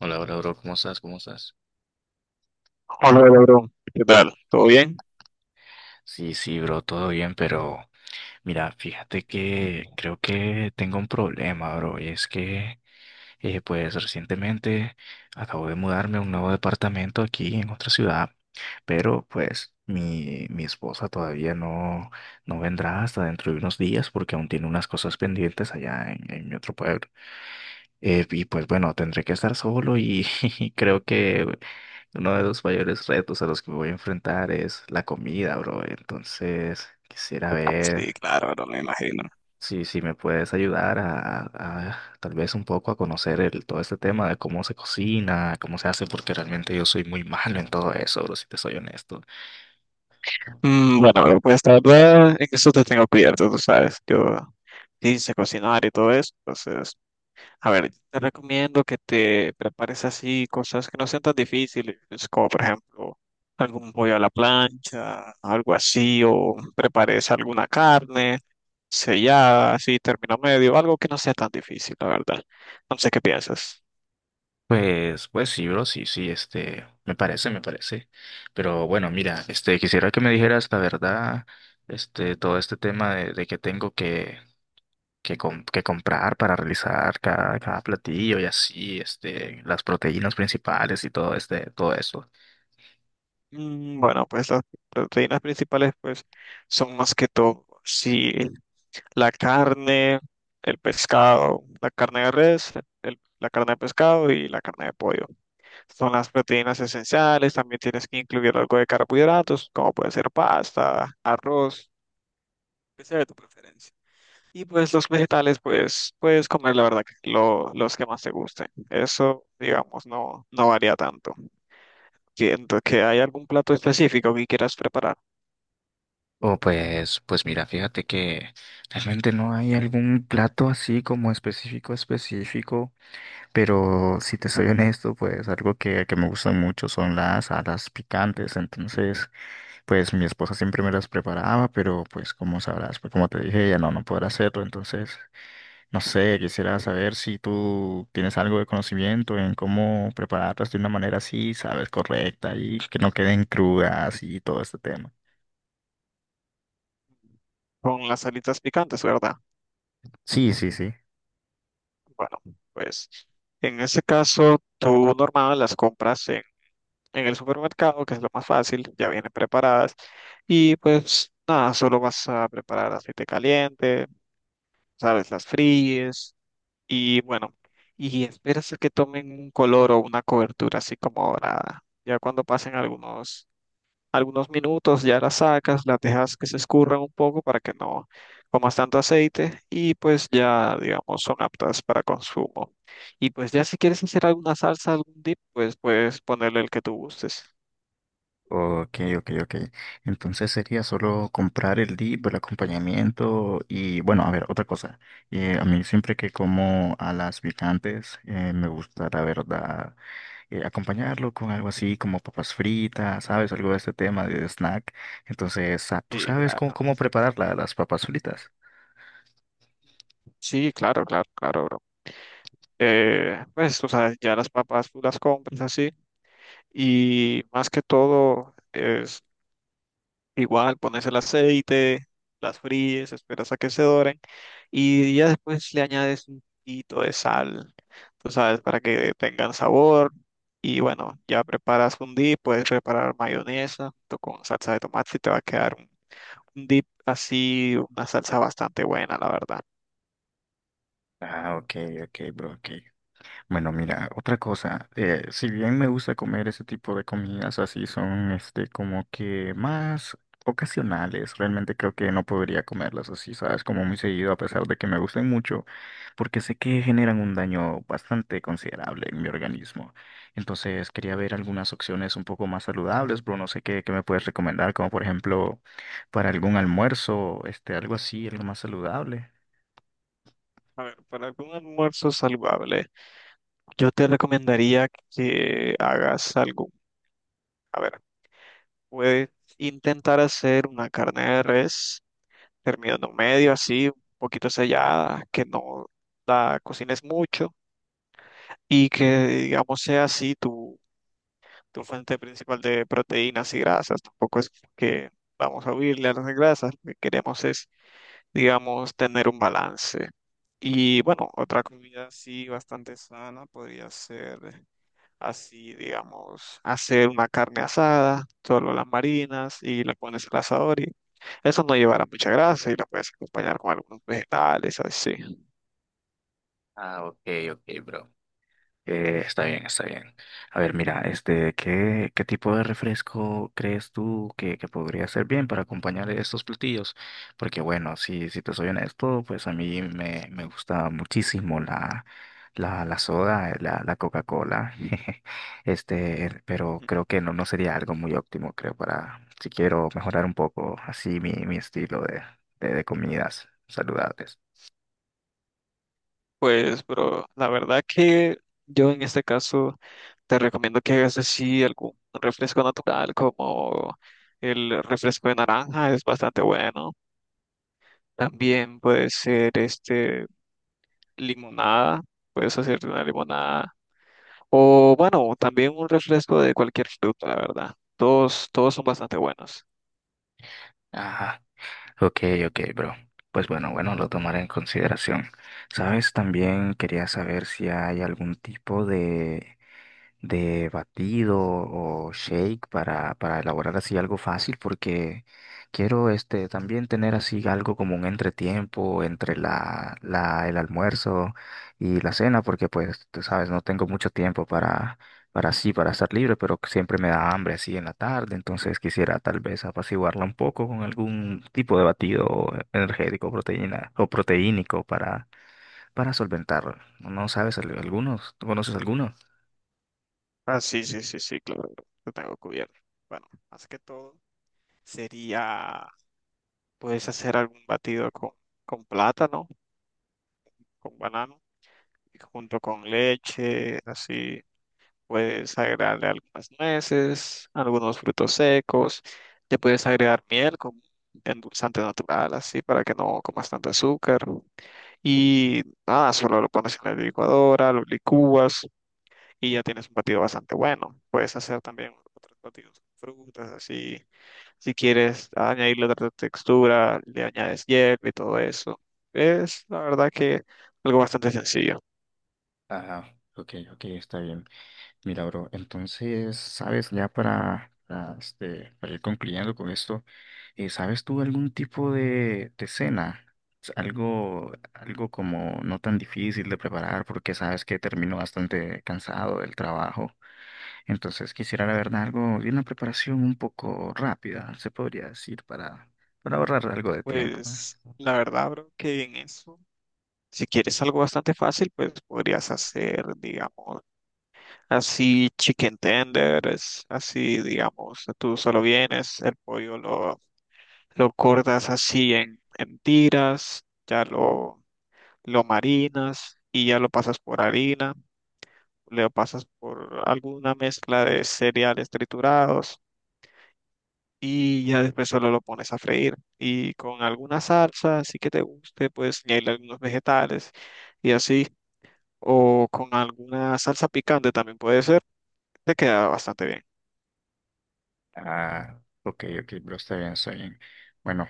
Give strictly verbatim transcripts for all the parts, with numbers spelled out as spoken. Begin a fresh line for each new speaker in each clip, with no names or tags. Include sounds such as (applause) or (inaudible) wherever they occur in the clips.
Hola, hola, bro, ¿cómo estás? ¿Cómo estás?
Hola, bro. ¿Qué tal? ¿Todo bien?
Sí, sí, bro, todo bien, pero mira, fíjate que creo que tengo un problema, bro, y es que, eh, pues, recientemente acabo de mudarme a un nuevo departamento aquí en otra ciudad, pero, pues, mi, mi esposa todavía no, no vendrá hasta dentro de unos días porque aún tiene unas cosas pendientes allá en, en mi otro pueblo. Eh, y pues bueno, tendré que estar solo y (laughs) creo que uno de los mayores retos a los que me voy a enfrentar es la comida, bro. Entonces, quisiera ver
Sí, claro, bro, me imagino.
si, si me puedes ayudar a, a a tal vez un poco a conocer el, todo este tema de cómo se cocina, cómo se hace, porque realmente yo soy muy (laughs) malo en todo eso, bro, si te soy honesto.
Mm, bueno, bro, pues la verdad, en eso te tengo cubierto, tú sabes. Yo hice cocinar y todo eso, entonces. A ver, te recomiendo que te prepares así cosas que no sean tan difíciles, como por ejemplo algún pollo a la plancha, algo así, o prepares alguna carne sellada, así, término medio, algo que no sea tan difícil, la verdad. No sé qué piensas.
Pues, pues sí, bro, sí, sí, este, me parece, me parece. Pero bueno, mira, este, quisiera que me dijeras la verdad, este, todo este tema de, de que tengo que, que, com- que comprar para realizar cada, cada platillo y así, este, las proteínas principales y todo este, todo eso.
Mm, bueno, pues las proteínas principales pues son más que todo, sí, la carne, el pescado, la carne de res, el- la carne de pescado y la carne de pollo. Son las proteínas esenciales, también tienes que incluir algo de carbohidratos, como puede ser pasta, arroz, que sea de tu preferencia. Y pues los vegetales, pues puedes comer la verdad que lo- los que más te gusten. Eso, digamos, no, no varía tanto. Siento que hay algún plato específico que quieras preparar
O pues, pues mira, fíjate que realmente no hay algún plato así como específico, específico. Pero si te soy honesto, pues algo que, que me gusta mucho son las alas picantes. Entonces, pues mi esposa siempre me las preparaba, pero pues como sabrás, pues como te dije, ella no, no podrá hacerlo. Entonces, no sé, quisiera saber si tú tienes algo de conocimiento en cómo prepararlas de una manera así, sabes, correcta y que no queden crudas y todo este tema.
con las alitas picantes, ¿verdad?
Sí, sí, sí.
Bueno, pues en ese caso, tú normal las compras en el supermercado, que es lo más fácil, ya vienen preparadas. Y pues nada, solo vas a preparar aceite caliente, sabes, las fríes y bueno, y esperas a que tomen un color o una cobertura así como dorada. Ya cuando pasen algunos, algunos minutos, ya las sacas, las dejas que se escurran un poco para que no comas tanto aceite y pues ya, digamos, son aptas para consumo. Y pues ya si quieres hacer alguna salsa, algún dip, pues puedes ponerle el que tú gustes.
Ok, ok, ok. Entonces sería solo comprar el dip, el acompañamiento y bueno, a ver, otra cosa. Eh, a mí siempre que como a las picantes, eh, me gusta, la verdad, eh, acompañarlo con algo así como papas fritas, ¿sabes? Algo de este tema de snack. Entonces, ah, ¿tú
Sí,
sabes
claro.
cómo, cómo preparar la- las papas fritas?
Sí, claro, claro, claro, bro. Eh, pues, tú sabes, ya las papas tú las compras así y más que todo es igual, pones el aceite, las fríes, esperas a que se doren y ya después le añades un poquito de sal, tú sabes, para que tengan sabor y bueno, ya preparas un dip, puedes preparar mayonesa junto con salsa de tomate y te va a quedar un un dip así, una salsa bastante buena, la verdad.
Ah, ok, ok, bro, ok. Bueno, mira, otra cosa, eh, si bien me gusta comer ese tipo de comidas, así son, este, como que más ocasionales, realmente creo que no podría comerlas así, ¿sabes? Como muy seguido, a pesar de que me gusten mucho, porque sé que generan un daño bastante considerable en mi organismo. Entonces, quería ver algunas opciones un poco más saludables, pero no sé qué, qué me puedes recomendar, como por ejemplo, para algún almuerzo, este, algo así, algo más saludable.
A ver, para algún almuerzo saludable, yo te recomendaría que hagas algún. A ver, puedes intentar hacer una carne de res, terminando medio, así, un poquito sellada, que no la cocines mucho y que, digamos, sea así tu, tu fuente principal de proteínas y grasas. Tampoco es que vamos a huirle a las grasas, lo que queremos es, digamos, tener un balance. Y bueno, otra comida así bastante sana podría ser, así, digamos, hacer una carne asada, solo las marinas y le pones el asador y eso no llevará mucha grasa y la puedes acompañar con algunos vegetales, así.
Ah, ok, ok, bro. Eh, está bien, está bien. A ver, mira, este, ¿qué, qué tipo de refresco crees tú que, que podría ser bien para acompañar estos platillos? Porque bueno, si, si te soy honesto, pues a mí me, me gusta muchísimo la, la, la soda, eh, la, la Coca-Cola. (laughs) Este, er, pero
Ujú.
creo que no, no sería algo muy óptimo, creo, para si quiero mejorar un poco así mi, mi estilo de, de, de comidas saludables.
Pues, bro, la verdad que yo en este caso te recomiendo que hagas así algún refresco natural como el refresco de naranja, es bastante bueno. También puede ser este limonada, puedes hacerte una limonada. O bueno, también un refresco de cualquier fruta, la verdad. Todos, todos son bastante buenos.
Ajá. Ok, ok, bro. Pues bueno, bueno, lo tomaré en consideración. ¿Sabes? También quería saber si hay algún tipo de de batido o shake para, para elaborar así algo fácil porque quiero este también tener así algo como un entretiempo entre la, la, el almuerzo y la cena porque pues tú sabes, no tengo mucho tiempo para, para así, para estar libre, pero siempre me da hambre así en la tarde, entonces quisiera tal vez apaciguarla un poco con algún tipo de batido energético, proteína o proteínico para, para solventarlo. ¿No no sabes al- algunos? ¿Tú conoces algunos?
Ah, sí, sí, sí, sí, claro, lo tengo cubierto. Bueno, más que todo sería, puedes hacer algún batido con, con plátano con banano y junto con leche, así puedes agregarle algunas nueces, algunos frutos secos, le puedes agregar miel como endulzante natural, así para que no comas tanto azúcar. Y nada, solo lo pones en la licuadora, lo licúas y ya tienes un batido bastante bueno. Puedes hacer también otros batidos con frutas, así si quieres añadirle otra textura, le añades hierba y todo eso. Es la verdad que algo bastante sencillo.
Ajá, ok, ok, está bien. Mira, bro, entonces, ¿sabes? Ya para, para, este, para ir concluyendo con esto, eh, ¿sabes tú algún tipo de, de cena? S- Algo, algo como no tan difícil de preparar porque sabes que termino bastante cansado del trabajo. Entonces quisiera, la verdad, algo de una preparación un poco rápida, se podría decir, para, para ahorrar algo de tiempo.
Pues
¿Eh?
la verdad, bro, que en eso, si quieres algo bastante fácil, pues podrías hacer, digamos, así chicken tenders, así, digamos, tú solo vienes, el pollo lo, lo cortas así en, en tiras, ya lo, lo marinas y ya lo pasas por harina, lo pasas por alguna mezcla de cereales triturados y ya después solo lo pones a freír. Y con alguna salsa, así que te guste, puedes añadirle algunos vegetales y así. O con alguna salsa picante también puede ser, te queda bastante bien.
Ah, ok, ok, bro, está bien, está bien. Bueno,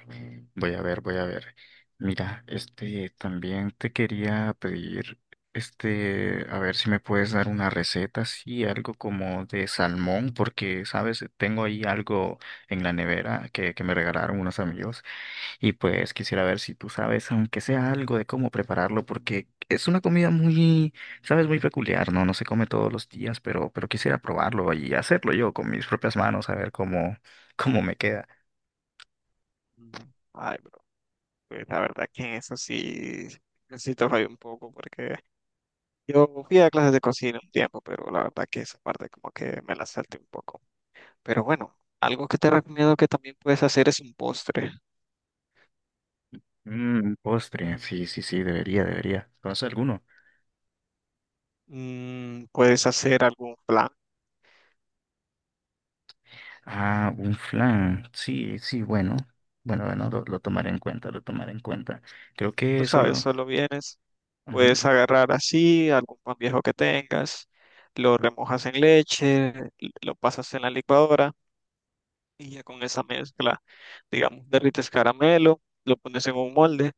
voy a ver, voy a ver. Mira, este, también te quería pedir, este, a ver si me puedes dar una receta, sí, algo como de salmón, porque, sabes, tengo ahí algo en la nevera que, que me regalaron unos amigos y pues quisiera ver si tú sabes, aunque sea algo de cómo prepararlo, porque es una comida muy, sabes, muy peculiar, ¿no? No se come todos los días, pero, pero quisiera probarlo y hacerlo yo con mis propias manos, a ver cómo, (laughs) cómo me queda.
Ujú. Ay, bro, pues la verdad que en eso sí necesito fallar un poco porque yo fui a clases de cocina un tiempo, pero la verdad que esa parte como que me la salté un poco. Pero bueno, algo que te recomiendo que también puedes hacer es un postre.
Mm, un postre, sí, sí, sí, debería, debería. ¿Conoces alguno?
Mm, puedes hacer algún plan,
Ah, un flan, sí, sí, bueno. Bueno, bueno, lo, lo tomaré en cuenta, lo tomaré en cuenta. Creo
tú
que
sabes,
solo...
solo vienes. Puedes
ujú.
agarrar así algún pan viejo que tengas, lo remojas en leche, lo pasas en la licuadora y ya con esa mezcla, digamos, derrites caramelo, lo pones en un molde,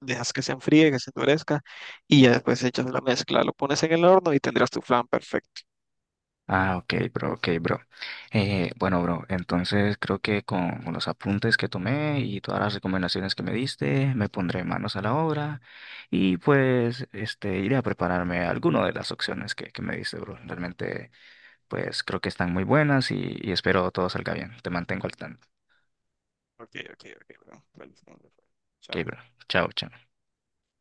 dejas que se enfríe, que se endurezca y ya después echas la mezcla, lo pones en el horno y tendrás tu flan perfecto.
Ah, ok, bro, ok, bro. Eh, bueno, bro, entonces creo que con con los apuntes que tomé y todas las recomendaciones que me diste, me pondré manos a la obra y pues este iré a prepararme alguna de las opciones que, que me diste, bro. Realmente, pues creo que están muy buenas y, y espero todo salga bien. Te mantengo al tanto.
Ok, ok, ok, bro. Feliz cumpleaños.
Ok, bro.
Chao.
Chao, chao.